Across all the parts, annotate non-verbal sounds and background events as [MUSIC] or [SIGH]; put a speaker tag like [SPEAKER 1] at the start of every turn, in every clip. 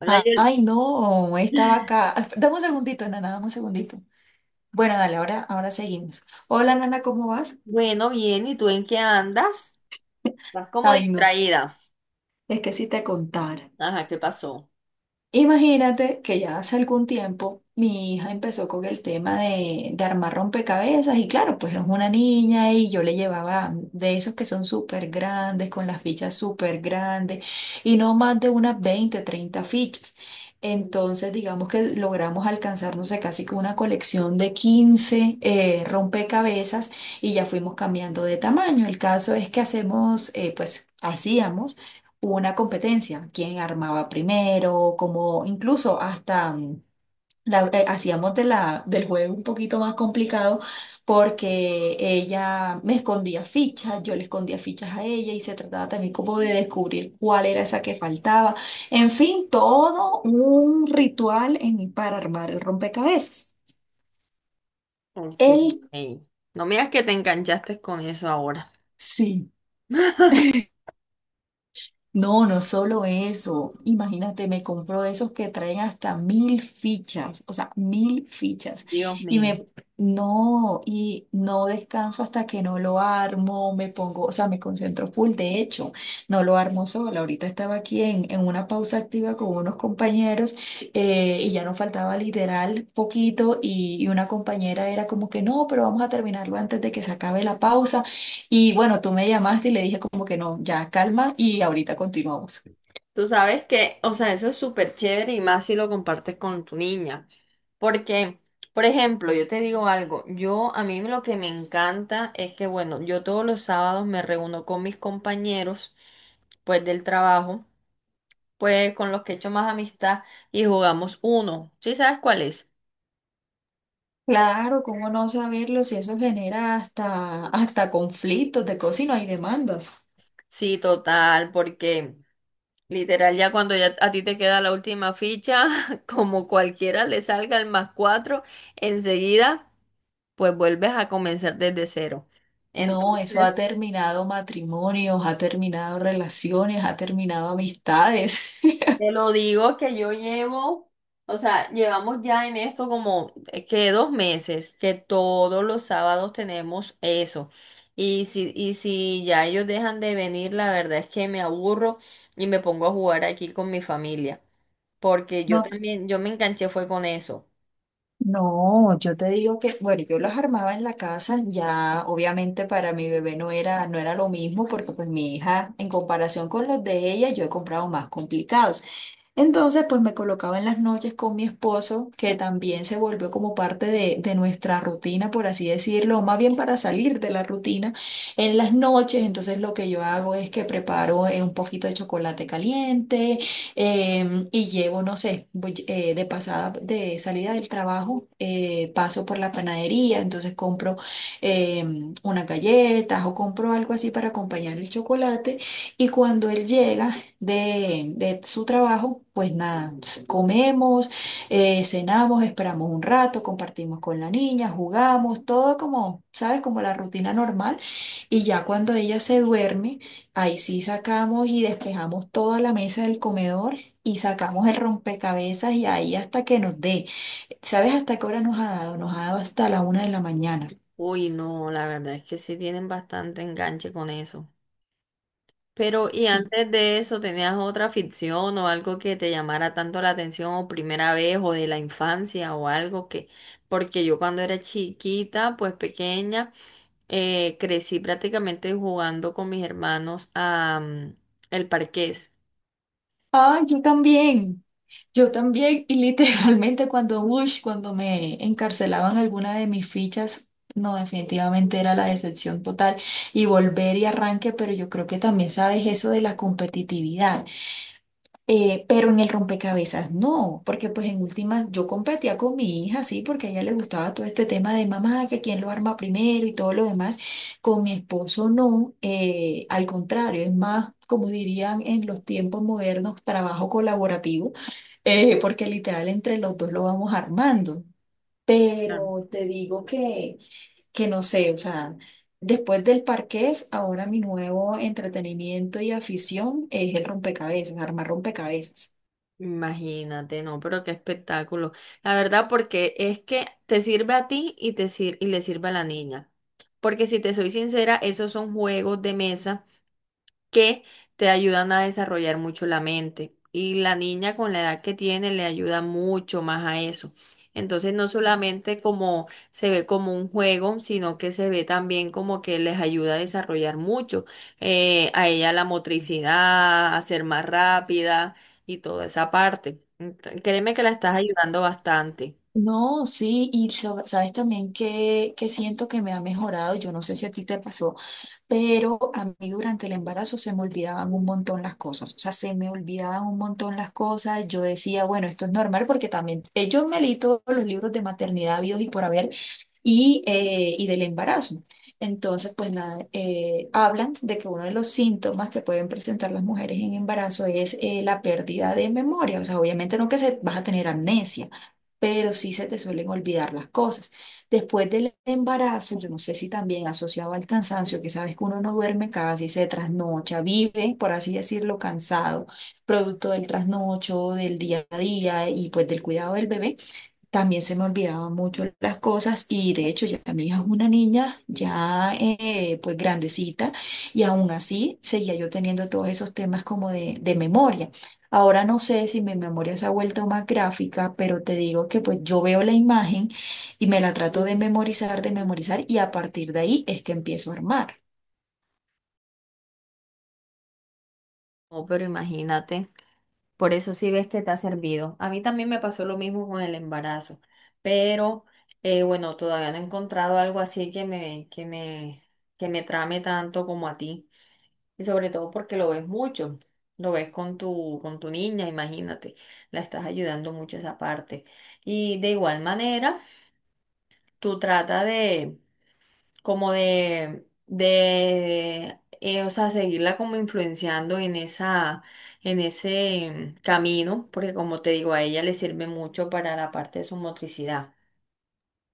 [SPEAKER 1] Hola, Yol-
[SPEAKER 2] Ay, no, estaba acá. Dame un segundito, Nana, dame un segundito. Bueno, dale, ahora seguimos. Hola, Nana, ¿cómo vas?
[SPEAKER 1] Bueno, bien, ¿y tú en qué andas? Estás como
[SPEAKER 2] Ay, no, es que,
[SPEAKER 1] distraída.
[SPEAKER 2] es que si te contara.
[SPEAKER 1] Ajá, ¿qué pasó?
[SPEAKER 2] Imagínate que ya hace algún tiempo mi hija empezó con el tema de armar rompecabezas y claro, pues es una niña y yo le llevaba de esos que son súper grandes, con las fichas súper grandes y no más de unas 20 30 fichas. Entonces, digamos que logramos alcanzar, no sé, casi que una colección de 15 rompecabezas y ya fuimos cambiando de tamaño. El caso es que hacemos, pues hacíamos hubo una competencia, quién armaba primero, como incluso hasta hacíamos del juego un poquito más complicado porque ella me escondía fichas, yo le escondía fichas a ella y se trataba también como de descubrir cuál era esa que faltaba. En fin, todo un ritual para armar el rompecabezas.
[SPEAKER 1] Ok.
[SPEAKER 2] Él
[SPEAKER 1] Ey, no me digas que te enganchaste con eso ahora.
[SPEAKER 2] sí.
[SPEAKER 1] [LAUGHS]
[SPEAKER 2] No, no solo eso. Imagínate, me compro esos que traen hasta 1000 fichas, o sea, 1000 fichas.
[SPEAKER 1] Dios
[SPEAKER 2] Y
[SPEAKER 1] mío.
[SPEAKER 2] me, no, y no descanso hasta que no lo armo, me pongo, o sea, me concentro full. De hecho, no lo armo sola. Ahorita estaba aquí en una pausa activa con unos compañeros y ya nos faltaba literal poquito y una compañera era como que no, pero vamos a terminarlo antes de que se acabe la pausa. Y bueno, tú me llamaste y le dije como que no, ya calma y ahorita continuamos.
[SPEAKER 1] Tú sabes que, o sea, eso es súper chévere y más si lo compartes con tu niña. Porque, por ejemplo, yo te digo algo, yo a mí lo que me encanta es que, bueno, yo todos los sábados me reúno con mis compañeros, pues del trabajo, pues con los que he hecho más amistad, y jugamos uno. ¿Sí sabes cuál es?
[SPEAKER 2] Claro, ¿cómo no saberlo si eso genera hasta, hasta conflictos de cosas y no hay demandas?
[SPEAKER 1] Sí, total, porque literal ya cuando ya a ti te queda la última ficha, [LAUGHS] como cualquiera le salga el más cuatro, enseguida pues vuelves a comenzar desde cero.
[SPEAKER 2] No, eso ha
[SPEAKER 1] Entonces,
[SPEAKER 2] terminado matrimonios, ha terminado relaciones, ha terminado amistades.
[SPEAKER 1] te
[SPEAKER 2] [LAUGHS]
[SPEAKER 1] lo digo que yo llevo, o sea, llevamos ya en esto como que 2 meses, que todos los sábados tenemos eso. Y si ya ellos dejan de venir, la verdad es que me aburro y me pongo a jugar aquí con mi familia. Porque yo
[SPEAKER 2] No,
[SPEAKER 1] también, yo me enganché fue con eso.
[SPEAKER 2] no, yo te digo que, bueno, yo las armaba en la casa, ya obviamente para mi bebé no era, no era lo mismo, porque pues mi hija, en comparación con los de ella, yo he comprado más complicados. Entonces, pues me colocaba en las noches con mi esposo, que también se volvió como parte de nuestra rutina, por así decirlo, o más bien para salir de la rutina en las noches. Entonces, lo que yo hago es que preparo un poquito de chocolate caliente. Y llevo, no sé, voy, de pasada, de salida del trabajo, paso por la panadería, entonces compro unas galletas o compro algo así para acompañar el chocolate. Y cuando él llega de su trabajo, pues nada, comemos, cenamos, esperamos un rato, compartimos con la niña, jugamos, todo como, ¿sabes? Como la rutina normal. Y ya cuando ella se duerme, ahí sí sacamos y despejamos toda la mesa del comedor y sacamos el rompecabezas y ahí hasta que nos dé. ¿Sabes hasta qué hora nos ha dado? Nos ha dado hasta la una de la mañana.
[SPEAKER 1] Uy, no, la verdad es que sí tienen bastante enganche con eso. Pero, ¿y
[SPEAKER 2] Sí.
[SPEAKER 1] antes de eso tenías otra ficción o algo que te llamara tanto la atención o primera vez o de la infancia o algo que, porque yo cuando era chiquita, pues pequeña, crecí prácticamente jugando con mis hermanos a el parqués.
[SPEAKER 2] Ah, yo también. Yo también. Y literalmente cuando, ush, cuando me encarcelaban alguna de mis fichas, no, definitivamente era la decepción total. Y volver y arranque, pero yo creo que también sabes eso de la competitividad. Pero en el rompecabezas no, porque pues en últimas yo competía con mi hija, sí, porque a ella le gustaba todo este tema de mamá, que quién lo arma primero y todo lo demás. Con mi esposo no, al contrario, es más, como dirían en los tiempos modernos, trabajo colaborativo, porque literal entre los dos lo vamos armando.
[SPEAKER 1] Ah.
[SPEAKER 2] Pero te digo que no sé, o sea, después del parqués, ahora mi nuevo entretenimiento y afición es el rompecabezas, armar rompecabezas.
[SPEAKER 1] Imagínate, no, pero qué espectáculo. La verdad, porque es que te sirve a ti y te y le sirve a la niña. Porque si te soy sincera, esos son juegos de mesa que te ayudan a desarrollar mucho la mente. Y la niña con la edad que tiene le ayuda mucho más a eso. Entonces no solamente como se ve como un juego, sino que se ve también como que les ayuda a desarrollar mucho, a ella la motricidad, a ser más rápida y toda esa parte. Créeme que la estás ayudando bastante.
[SPEAKER 2] No, sí, y sabes también que siento que me ha mejorado, yo no sé si a ti te pasó, pero a mí durante el embarazo se me olvidaban un montón las cosas, o sea, se me olvidaban un montón las cosas, yo decía, bueno, esto es normal porque también yo me leí todos los libros de maternidad habidos y por haber, y del embarazo. Entonces, pues nada, hablan de que uno de los síntomas que pueden presentar las mujeres en embarazo es la pérdida de memoria. O sea, obviamente no que se, vas a tener amnesia, pero sí se te suelen olvidar las cosas. Después del embarazo, yo no sé si también asociado al cansancio, que sabes que uno no duerme casi, se trasnocha, vive, por así decirlo, cansado, producto del trasnocho, del día a día y pues del cuidado del bebé. También se me olvidaban mucho las cosas y de hecho ya mi hija es una niña ya pues grandecita y aún así seguía yo teniendo todos esos temas como de memoria. Ahora no sé si mi memoria se ha vuelto más gráfica, pero te digo que pues yo veo la imagen y me la trato de memorizar y a partir de ahí es que empiezo a armar.
[SPEAKER 1] Oh, pero imagínate. Por eso sí ves que te ha servido. A mí también me pasó lo mismo con el embarazo, pero bueno, todavía no he encontrado algo así que me trame tanto como a ti. Y sobre todo porque lo ves mucho, lo ves con con tu niña, imagínate, la estás ayudando mucho esa parte. Y de igual manera, tú trata de como de o sea, seguirla como influenciando en esa, en ese camino, porque como te digo, a ella le sirve mucho para la parte de su motricidad.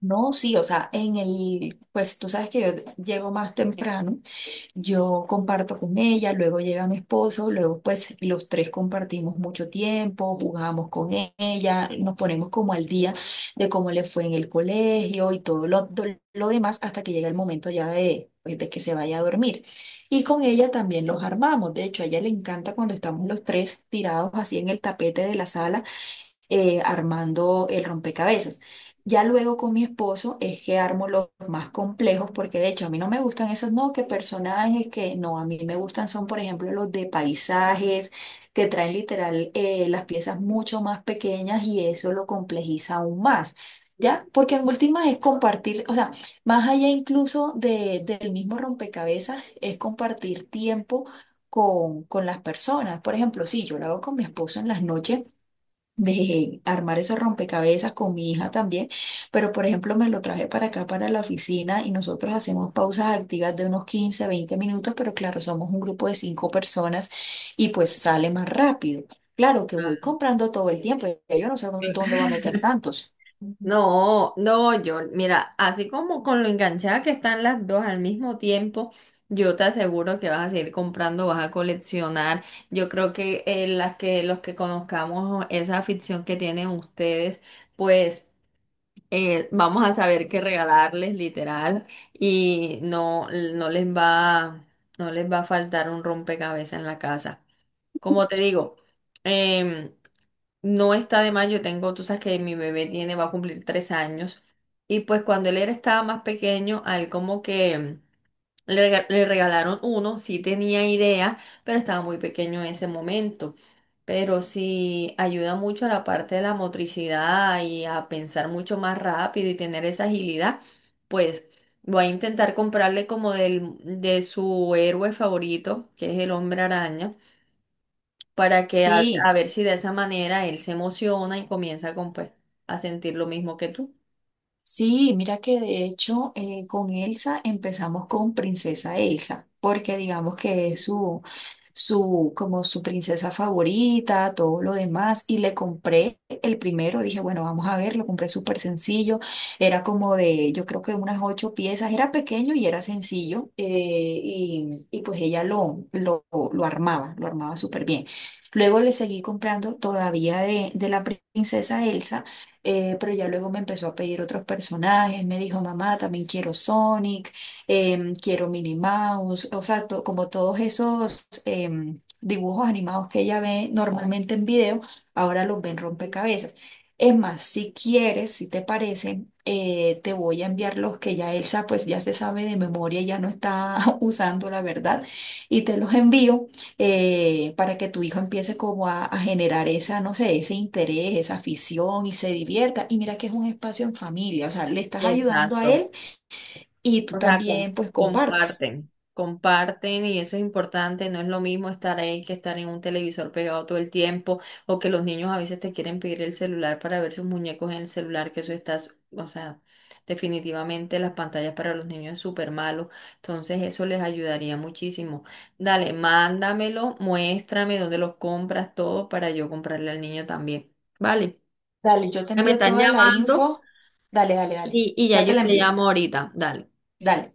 [SPEAKER 2] No, sí, o sea, en el, pues tú sabes que yo llego más temprano. Yo comparto con ella, luego llega mi esposo, luego pues los tres compartimos mucho tiempo, jugamos con ella, nos ponemos como al día de cómo le fue en el colegio y todo lo demás hasta que llega el momento ya de, pues, de que se vaya a dormir. Y con ella también los armamos, de hecho a ella le encanta cuando estamos los tres tirados así en el tapete de la sala armando el rompecabezas. Ya luego con mi esposo es que armo los más complejos, porque de hecho a mí no me gustan esos, no, que personajes que no, a mí me gustan son, por ejemplo, los de paisajes, que traen literal las piezas mucho más pequeñas y eso lo complejiza aún más. ¿Ya? Porque en últimas es compartir, o sea, más allá incluso del mismo rompecabezas, es compartir tiempo con las personas. Por ejemplo, si yo lo hago con mi esposo en las noches, de armar esos rompecabezas con mi hija también, pero por ejemplo me lo traje para acá, para la oficina y nosotros hacemos pausas activas de unos 15 20 minutos, pero claro, somos un grupo de cinco personas y pues sale más rápido. Claro que voy
[SPEAKER 1] Ah,
[SPEAKER 2] comprando todo el tiempo, ya yo no sé
[SPEAKER 1] cl-
[SPEAKER 2] dónde voy a meter tantos. Ujú.
[SPEAKER 1] No, no, yo, mira, así como con lo enganchada que están las dos al mismo tiempo, yo te aseguro que vas a seguir comprando, vas a coleccionar. Yo creo que las que los que conozcamos esa afición que tienen ustedes, pues vamos a saber qué regalarles literal y no les va a faltar un rompecabezas en la casa. Como te digo, em, no está de más, yo tengo, tú sabes que mi bebé tiene, va a cumplir 3 años, y pues cuando él estaba más pequeño, a él como que... Le, le regalaron uno, sí tenía idea, pero estaba muy pequeño en ese momento. Pero sí ayuda mucho a la parte de la motricidad y a pensar mucho más rápido y tener esa agilidad, pues voy a intentar comprarle como de su héroe favorito, que es el hombre araña, para que a
[SPEAKER 2] Sí.
[SPEAKER 1] ver si de esa manera él se emociona y comienza con, pues, a sentir lo mismo que tú.
[SPEAKER 2] Sí, mira que de hecho con Elsa empezamos con Princesa Elsa, porque digamos que es como su princesa favorita, todo lo demás, y le compré el primero, dije, bueno, vamos a ver, lo compré súper sencillo, era como de, yo creo que unas ocho piezas, era pequeño y era sencillo, y pues ella lo armaba súper bien. Luego le seguí comprando todavía de la princesa Elsa pero ya luego me empezó a pedir otros personajes, me dijo, mamá, también quiero Sonic, quiero Minnie Mouse, o sea, como todos esos dibujos animados que ella ve normalmente en video, ahora los ven rompecabezas. Es más, si quieres, si te parece, te voy a enviar los que ya Elsa pues ya se sabe de memoria, ya no está [LAUGHS] usando la verdad, y te los envío para que tu hijo empiece como a generar esa, no sé, ese interés, esa afición y se divierta. Y mira que es un espacio en familia, o sea, le estás ayudando a
[SPEAKER 1] Exacto.
[SPEAKER 2] él y tú
[SPEAKER 1] O sea,
[SPEAKER 2] también pues compartes.
[SPEAKER 1] comparten, comparten y eso es importante, no es lo mismo estar ahí que estar en un televisor pegado todo el tiempo o que los niños a veces te quieren pedir el celular para ver sus muñecos en el celular, que eso estás, o sea, definitivamente las pantallas para los niños es súper malo, entonces eso les ayudaría muchísimo. Dale, mándamelo, muéstrame dónde los compras, todo para yo comprarle al niño también, ¿vale?
[SPEAKER 2] Dale, yo te
[SPEAKER 1] Me
[SPEAKER 2] envío
[SPEAKER 1] están
[SPEAKER 2] toda la
[SPEAKER 1] llamando,
[SPEAKER 2] info. Dale, dale, dale.
[SPEAKER 1] y ya
[SPEAKER 2] Ya te
[SPEAKER 1] yo
[SPEAKER 2] la
[SPEAKER 1] te
[SPEAKER 2] envío.
[SPEAKER 1] llamo ahorita, dale.
[SPEAKER 2] Dale.